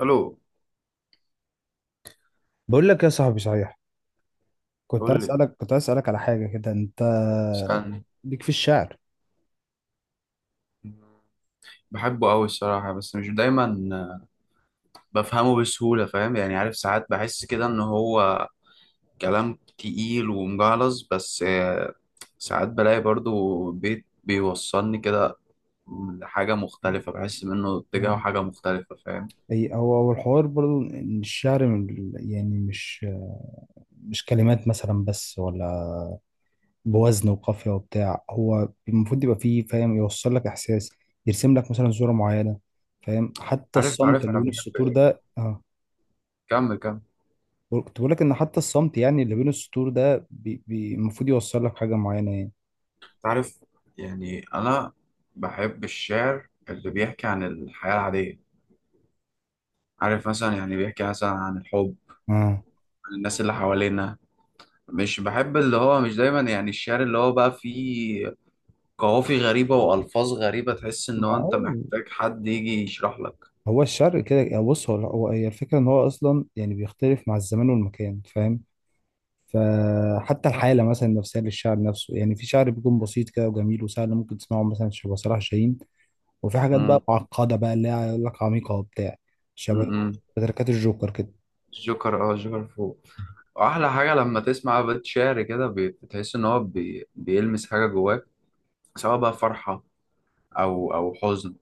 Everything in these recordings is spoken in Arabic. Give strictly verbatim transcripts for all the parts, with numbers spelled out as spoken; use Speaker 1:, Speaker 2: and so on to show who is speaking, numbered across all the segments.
Speaker 1: الو.
Speaker 2: بقول لك يا صاحبي، صحيح؟ كنت
Speaker 1: قول
Speaker 2: عايز
Speaker 1: لي.
Speaker 2: اسالك كنت عايز اسالك على حاجه كده، انت
Speaker 1: اسالني.
Speaker 2: ليك في الشعر؟
Speaker 1: بحبه قوي الصراحه، بس مش دايما بفهمه بسهوله، فاهم؟ يعني عارف، ساعات بحس كده ان هو كلام تقيل ومجعلص، بس آه، ساعات بلاقي برضو بيت بيوصلني كده لحاجه مختلفه، بحس منه اتجاهه حاجه مختلفه، فاهم؟
Speaker 2: أي- هو هو الحوار برضو ان الشعر من ال- يعني مش مش كلمات مثلا بس، ولا بوزن وقافيه وبتاع. هو المفروض يبقى فيه، فاهم، يوصل لك احساس، يرسم لك مثلا صوره معينه، فاهم؟ حتى
Speaker 1: عارف
Speaker 2: الصمت
Speaker 1: عارف
Speaker 2: اللي
Speaker 1: انا
Speaker 2: بين
Speaker 1: بحب
Speaker 2: السطور
Speaker 1: ايه.
Speaker 2: ده. اه
Speaker 1: كمل كمل.
Speaker 2: كنت بقول لك ان حتى الصمت، يعني اللي بين السطور ده، بي- بي- المفروض يوصل لك حاجه معينه يعني.
Speaker 1: عارف، يعني انا بحب الشعر اللي بيحكي عن الحياه العاديه، عارف؟ مثلا يعني بيحكي مثلا عن الحب،
Speaker 2: اه،
Speaker 1: عن الناس اللي حوالينا. مش بحب اللي هو، مش دايما يعني الشعر اللي هو بقى فيه قوافي غريبة وألفاظ غريبة، تحس إن هو أنت
Speaker 2: معقول.
Speaker 1: محتاج حد يجي يشرح لك.
Speaker 2: هو الشرق كده يعني. بص، هو هو- هي الفكرة ان هو اصلا يعني بيختلف مع الزمان والمكان، فاهم؟ فحتى الحالة مثلا النفسية للشعر نفسه، يعني في شعر بيكون بسيط كده وجميل وسهل، ممكن تسمعه مثلا شبه صلاح جاهين. وفي حاجات
Speaker 1: مم.
Speaker 2: بقى معقدة بقى، اللي هي يقول لك عميقة وبتاع، شبه
Speaker 1: مم.
Speaker 2: تركات الجوكر كده.
Speaker 1: الجوكر، اه الجوكر فوق. وأحلى حاجة لما تسمع بيت شعر كده بي- بتحس إن هو بي... بيلمس حاجة جواك، سواء بقى فرحة، أو أو حزن،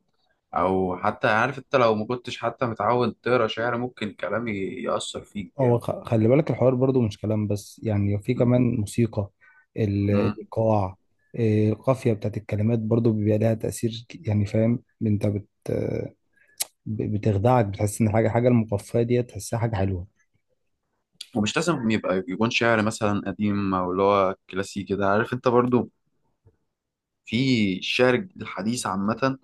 Speaker 1: أو حتى عارف أنت لو ما كنتش حتى متعود تقرا شعر ممكن كلام ي- يأثر فيك
Speaker 2: هو
Speaker 1: جامد.
Speaker 2: خ- خلي بالك الحوار برضو مش كلام بس، يعني في كمان موسيقى، ال-
Speaker 1: مم.
Speaker 2: الإيقاع، إيه، القافية بتاعت الكلمات برضو بيبقى لها تأثير، ك- يعني، فاهم؟ انت بت ب- بتخدعك، بتحس ان حاجه حاجه المقفيه دي تحسها حاجه حلوه.
Speaker 1: ومش لازم يبقى يكون شعر مثلا قديم او اللي هو كلاسيكي ده، عارف انت؟ برضو في الشعر الحديث عامة،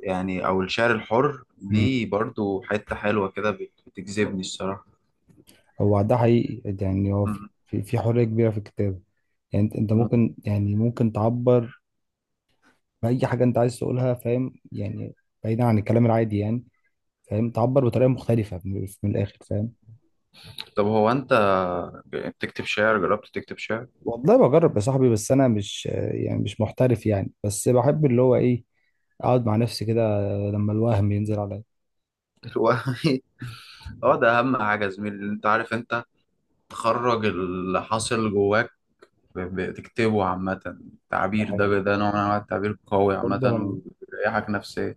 Speaker 1: يعني أو الشعر الحر
Speaker 2: امم
Speaker 1: ليه برضو حتة حلوة كده بت- بتجذبني الصراحة.
Speaker 2: هو ده حقيقي، يعني هو في
Speaker 1: مم.
Speaker 2: في في حريه كبيره في الكتابه، يعني انت أنت
Speaker 1: مم.
Speaker 2: ممكن يعني ممكن تعبر باي حاجه انت عايز تقولها، فاهم يعني؟ بعيدا عن الكلام العادي يعني، فاهم، تعبر بطريقه مختلفه من من الاخر، فاهم؟
Speaker 1: طب هو أنت بتكتب شعر؟ جربت تكتب شعر؟
Speaker 2: والله بجرب يا صاحبي، بس انا مش يعني، مش محترف يعني، بس بحب اللي هو ايه، اقعد مع نفسي كده لما الوهم ينزل عليا.
Speaker 1: هو- اه ده أهم حاجة يا زميلي، أنت عارف أنت تخرج اللي حاصل جواك، ب- بتكتبه عامة، التعبير ده
Speaker 2: يعني،
Speaker 1: ده نوع من أنواع التعبير قوي عامة.
Speaker 2: برضه لما-
Speaker 1: وبيريحك نفسيا.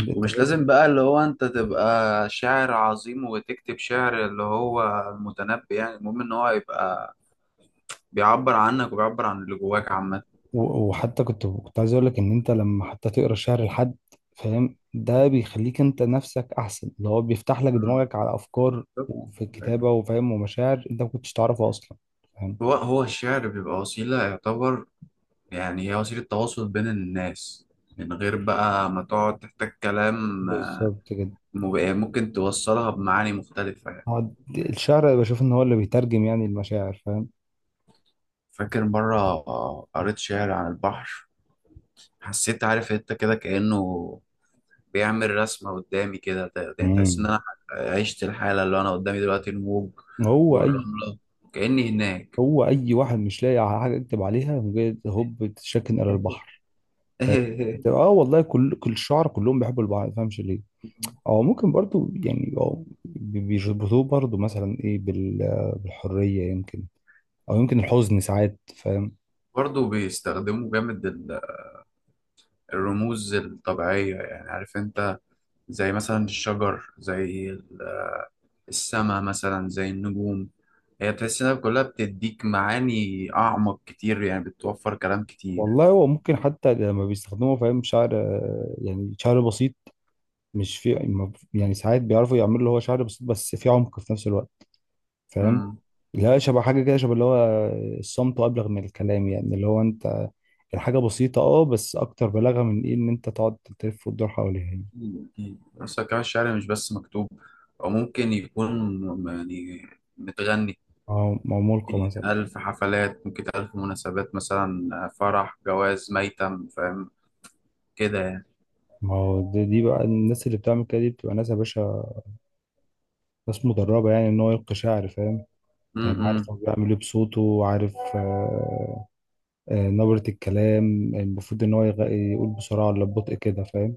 Speaker 2: انت
Speaker 1: ومش
Speaker 2: برضه.
Speaker 1: لازم بقى اللي هو انت تبقى شاعر عظيم وتكتب شعر اللي هو المتنبي، يعني المهم ان هو يبقى بيعبر عنك وبيعبر عن اللي جواك عامة.
Speaker 2: و- وحتى كنت كنت عايز اقول لك ان انت لما حتى تقرا الشعر لحد، فاهم؟ ده بيخليك انت نفسك احسن، اللي هو بيفتح لك
Speaker 1: مم.
Speaker 2: دماغك على افكار
Speaker 1: بالظبط.
Speaker 2: في الكتابه، وفاهم، ومشاعر انت ما كنتش تعرفها اصلا، فاهم.
Speaker 1: هو هو الشعر بيبقى وسيلة، يعتبر يعني هي وسيلة تواصل بين الناس، من غير بقى ما تقعد تحتاج كلام،
Speaker 2: بالظبط كده.
Speaker 1: مب- يعني ممكن توصلها بمعاني مختلفة يعني.
Speaker 2: هو د- الشعر بشوف ان هو اللي بيترجم يعني المشاعر، فاهم.
Speaker 1: فاكر مرة قريت شعر عن البحر، حسيت عارف انت كده كأنه بيعمل رسمة قدامي كده، ت- يعني تحس إن
Speaker 2: امم
Speaker 1: أنا عشت الحالة اللي أنا قدامي دلوقتي، الموج
Speaker 2: هو اي
Speaker 1: والرملة، كأني هناك.
Speaker 2: هو اي واحد مش لاقي على حاجه يكتب عليها، مجرد هوب تشكن الى البحر، فاهم. اه والله، كل كل الشعراء كلهم بيحبوا البحر، ما تفهمش ليه. او ممكن برضو يعني، أو بي- بيربطوه برضو مثلا ايه بال- بالحريه يمكن، او يمكن الحزن ساعات، فاهم.
Speaker 1: برضه بيستخدموا جامد ال- الرموز الطبيعية، يعني عارف أنت؟ زي مثلا الشجر، زي ال- السما مثلا، زي النجوم، هي تحس إنها كلها بتديك معاني أعمق كتير، يعني بتوفر كلام كتير.
Speaker 2: والله هو ممكن حتى لما بيستخدموا، فاهم، شعر، آه، يعني شعر بسيط، مش في ما- يعني ساعات بيعرفوا يعملوا اللي هو شعر بسيط بس في عمق في نفس الوقت، فاهم.
Speaker 1: مم.
Speaker 2: لا، شبه حاجه كده، شبه اللي هو الصمت ابلغ من الكلام، يعني اللي هو انت الحاجه بسيطه اه، بس اكتر بلاغه من ايه ان انت تقعد تلف وتدور حواليها يعني.
Speaker 1: أكيد. أكيد. أصلا كمان الشعر مش بس مكتوب، أو ممكن يكون م- يعني متغني،
Speaker 2: او أو ملقى مثلا.
Speaker 1: ألف حفلات ممكن، ألف مناسبات مثلا آه، فرح، جواز، ميتم، فاهم كده يعني.
Speaker 2: ما هو دي, دي بقى، الناس اللي بتعمل كده دي بتبقى ناس يا باشا، ناس مدربة، يعني ان هو يلقي شعر، فاهم؟
Speaker 1: م-
Speaker 2: يعني عارف
Speaker 1: م-
Speaker 2: هو بيعمل ايه بصوته، عارف، آه. آه، نبرة الكلام، المفروض ان هو يغ- يقول بسرعة ولا ببطء كده، فاهم.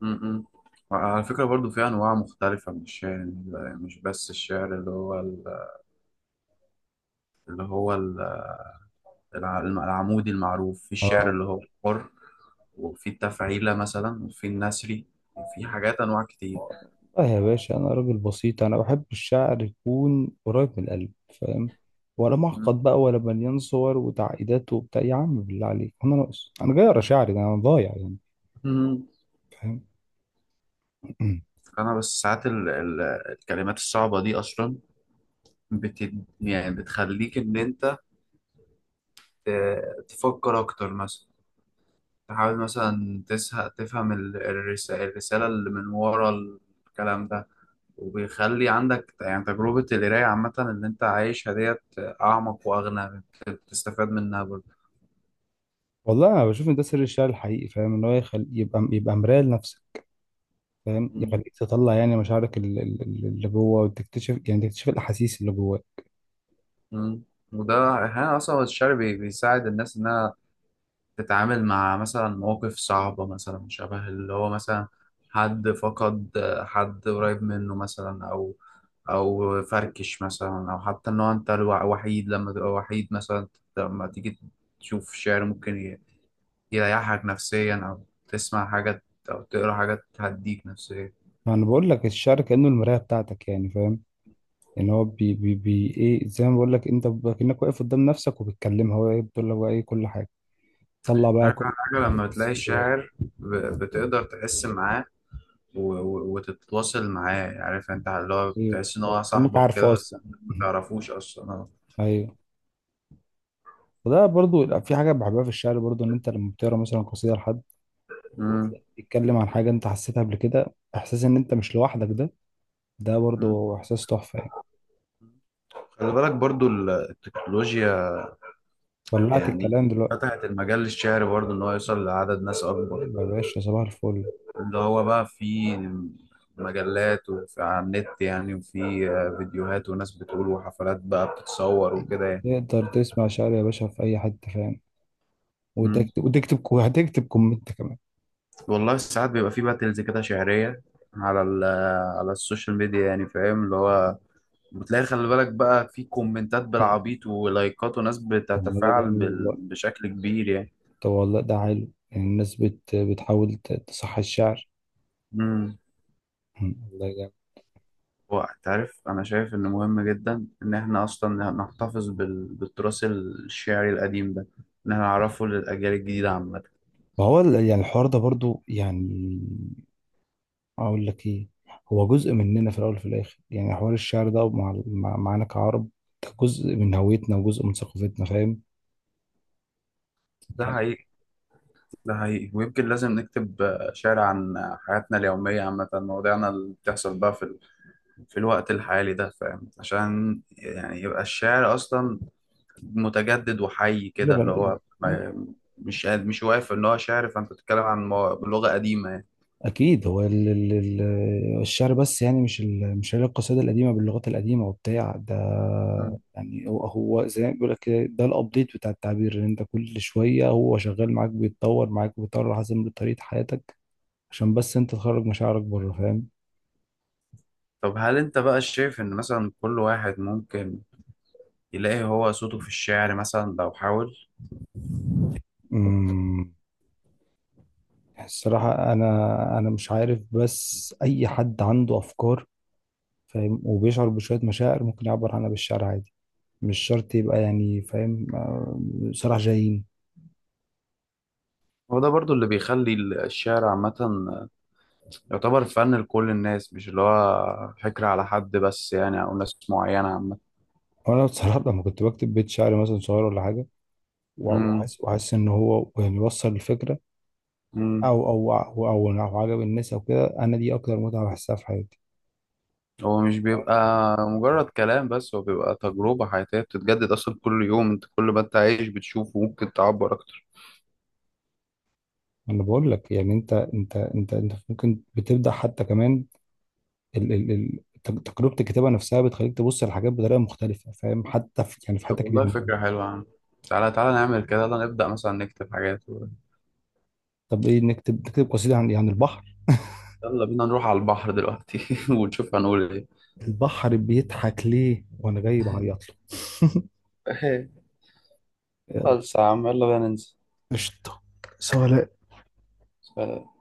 Speaker 1: م- م. وعلى فكرة برضو في أنواع مختلفة من الشعر، مش بس الشعر اللي هو ال- اللي هو ال- الع- العمودي المعروف، في الشعر
Speaker 2: اه،
Speaker 1: اللي هو حر، وفي التفعيلة مثلا، وفي النثري، في حاجات أنواع كتير.
Speaker 2: اه، يا باشا، انا راجل بسيط، انا بحب الشعر يكون قريب من القلب، فاهم، ولا معقد بقى ولا مليان صور وتعقيدات وبتاع. يا عم بالله عليك، انا ناقص؟ انا جاي اقرا شعري ده، انا ضايع يعني،
Speaker 1: مم.
Speaker 2: فاهم.
Speaker 1: أنا بس ساعات ال- ال- الكلمات الصعبة دي أصلا، بت يعني بتخليك إن أنت ت- تفكر أكتر مثلا، تحاول مثلا تسه- تفهم ال- الرس- الرسالة اللي من ورا الكلام ده، وبيخلي عندك يعني تجربة القراية عامة اللي أنت عايشها ديت أعمق وأغنى، بت- بتستفاد منها برضه.
Speaker 2: والله انا بشوف ان ده سر الشعر الحقيقي، فاهم. ان هو يخل... يبقى يبقى مرايه لنفسك، فاهم،
Speaker 1: م-
Speaker 2: يخليك تطلع يعني مشاعرك ال- ال- ال- اللي جوه، وتكتشف يعني تكتشف الاحاسيس اللي جواك.
Speaker 1: م. وده أحيانا أصلا الشعر بي- بيساعد الناس إنها تتعامل مع مثلا مواقف صعبة، مثلا شبه اللي هو مثلا حد فقد حد قريب منه مثلا، أو أو فركش مثلا، أو حتى إن هو أنت الوا- وحيد، لما تبقى وحيد مثلا، لما تيجي تشوف شعر ممكن ي- يريحك نفسيا، أو تسمع حاجة، أو تقرا حاجة تهديك نفسيا.
Speaker 2: انا بقول لك الشعر كانه المرايه بتاعتك، يعني فاهم ان هو بي بي بي ايه، زي ما بقول لك انت، ب- كانك واقف قدام نفسك وبتكلمها، هو إيه؟ بتقول لك بقى ايه كل حاجه، طلع بقى
Speaker 1: عارف أحلى
Speaker 2: كل
Speaker 1: حاجة
Speaker 2: مشاعر
Speaker 1: لما بتلاقي
Speaker 2: بس جواك.
Speaker 1: الشاعر ب- بتقدر تحس معاه، و- و- وتتواصل معاه، عارف انت اللي هو
Speaker 2: ايوه،
Speaker 1: بتحس ان هو
Speaker 2: فاهم؟ كانك
Speaker 1: صاحبك
Speaker 2: عارفه
Speaker 1: كده بس
Speaker 2: اصلا.
Speaker 1: ما تعرفوش اصلا.
Speaker 2: ايوه. وده برضو في حاجه بحبها في الشعر برضو، ان انت لما بتقرا مثلا قصيده لحد
Speaker 1: مم.
Speaker 2: تتكلم عن حاجة انت حسيتها قبل كده، احساس ان انت مش لوحدك، ده ده
Speaker 1: مم.
Speaker 2: برضو احساس تحفة يعني.
Speaker 1: خلي بالك برضو ال- التكنولوجيا
Speaker 2: ولعت
Speaker 1: يعني
Speaker 2: الكلام دلوقتي.
Speaker 1: فتحت المجال للشعر برضو ان هو يوصل لعدد ناس اكبر،
Speaker 2: ايوه يا باشا، صباح الفل.
Speaker 1: اللي هو بقى في مجلات وفي على النت يعني، وفي آه، فيديوهات وناس بتقول، وحفلات بقى بتتصور وكده يعني.
Speaker 2: تقدر تسمع شعر يا باشا في اي حتة، فاهم،
Speaker 1: مم.
Speaker 2: وتكتب وتكتب وهتكتب كومنت كمان.
Speaker 1: والله ساعات بيبقى في باتلز كده شعرية على ال- على السوشيال ميديا، يعني فاهم؟ اللي هو بتلاقي خلي بالك بقى في كومنتات
Speaker 2: مم.
Speaker 1: بالعبيط ولايكات وناس
Speaker 2: طب ما ده
Speaker 1: بتتفاعل
Speaker 2: جميل
Speaker 1: بال-
Speaker 2: والله،
Speaker 1: بشكل كبير
Speaker 2: طب والله ده حلو، يعني الناس بت... بتحاول ت- تصحي الشعر.
Speaker 1: يعني.
Speaker 2: مم. ده جميل.
Speaker 1: هو انت عارف انا شايف انه مهم جدا ان احنا اصلا نحتفظ بال... بالتراث الشعري القديم ده، ان احنا نعرفه للاجيال الجديده عامه.
Speaker 2: ما هو ال- يعني الحوار ده برضو يعني، اقول لك ايه، هو جزء مننا في الاول وفي الاخر، يعني حوار الشعر ده مع مع- معانا كعرب، ده جزء من هويتنا وجزء من ثقافتنا، فاهم
Speaker 1: ده
Speaker 2: يعني.
Speaker 1: حقيقي. ده حقيقي، ويمكن لازم نكتب آه، شعر عن حياتنا اليوميه عامه، مواضيعنا اللي بتحصل بقى في ال... في الوقت الحالي ده، فاهم؟ عشان يعني يبقى الشعر اصلا متجدد وحي
Speaker 2: لا
Speaker 1: كده، اللي
Speaker 2: بل...
Speaker 1: هو ما... مش قاعد- مش واقف ان هو شعر، فانت بتتكلم عن مو- لغه قديمه يعني.
Speaker 2: اكيد هو ال... ال... ال- الشعر، بس يعني مش ال... مش هي القصيده القديمه باللغات القديمه وبتاع ده،
Speaker 1: مم.
Speaker 2: يعني. هو هو زي ما بيقول لك كده، ده الابديت بتاع التعبير، ان انت كل شويه هو شغال معاك، بيتطور معاك، بيتطور على حسب طريقه حياتك، عشان بس انت تخرج مشاعرك بره،
Speaker 1: طب هل انت بقى شايف ان مثلا كل واحد ممكن يلاقي هو صوته في الشعر مثلا لو حاول؟
Speaker 2: فاهم. الصراحة، أنا أنا مش عارف، بس أي حد عنده أفكار، فاهم، وبيشعر بشوية مشاعر، ممكن يعبر عنها بالشعر عادي، مش شرط يبقى يعني، فاهم، آه، صراحة جايين.
Speaker 1: هو ده برضو اللي بيخلي الشعر عامة يعتبر فن لكل الناس، مش اللي هو فكرة على حد بس يعني، أو ناس معينة عامة.
Speaker 2: وأنا بصراحة لما كنت بكتب بيت شعر مثلا صغير ولا حاجة، وع-
Speaker 1: مم.
Speaker 2: وحاسس وحاسس إن هو يعني يوصل الفكرة،
Speaker 1: مم.
Speaker 2: أو أو أو أو, أو عجب الناس أو كده، أنا دي أكتر متعة بحسها في حياتي.
Speaker 1: هو مش بيبقى مجرد كلام بس، هو بيبقى تجربة حياتية بتتجدد أصلا كل يوم، أنت كل ما أنت عايش بتشوفه ممكن تعبر أكتر.
Speaker 2: أنا بقول لك يعني، أنت أنت أنت أنت ممكن بتبدأ حتى كمان ال ال ال تج- تجربة الكتابة نفسها بتخليك تبص على الحاجات بطريقة مختلفة، فاهم، حتى في يعني في
Speaker 1: طب
Speaker 2: حياتك
Speaker 1: والله
Speaker 2: اليومية.
Speaker 1: فكرة حلوة يا عم، تعالى تعالى نعمل كده، يلا نبدأ مثلا نكتب حاجات و...
Speaker 2: طب ايه، نكتب نكتب قصيدة عن عن البحر.
Speaker 1: يلا بينا نروح على البحر دلوقتي. ونشوف هنقول
Speaker 2: البحر بيضحك ليه وانا جاي بعيط له.
Speaker 1: إيه؟
Speaker 2: يلا.
Speaker 1: بس يا عم يلا بينا ننزل.
Speaker 2: قشطة. سؤال.
Speaker 1: سلام.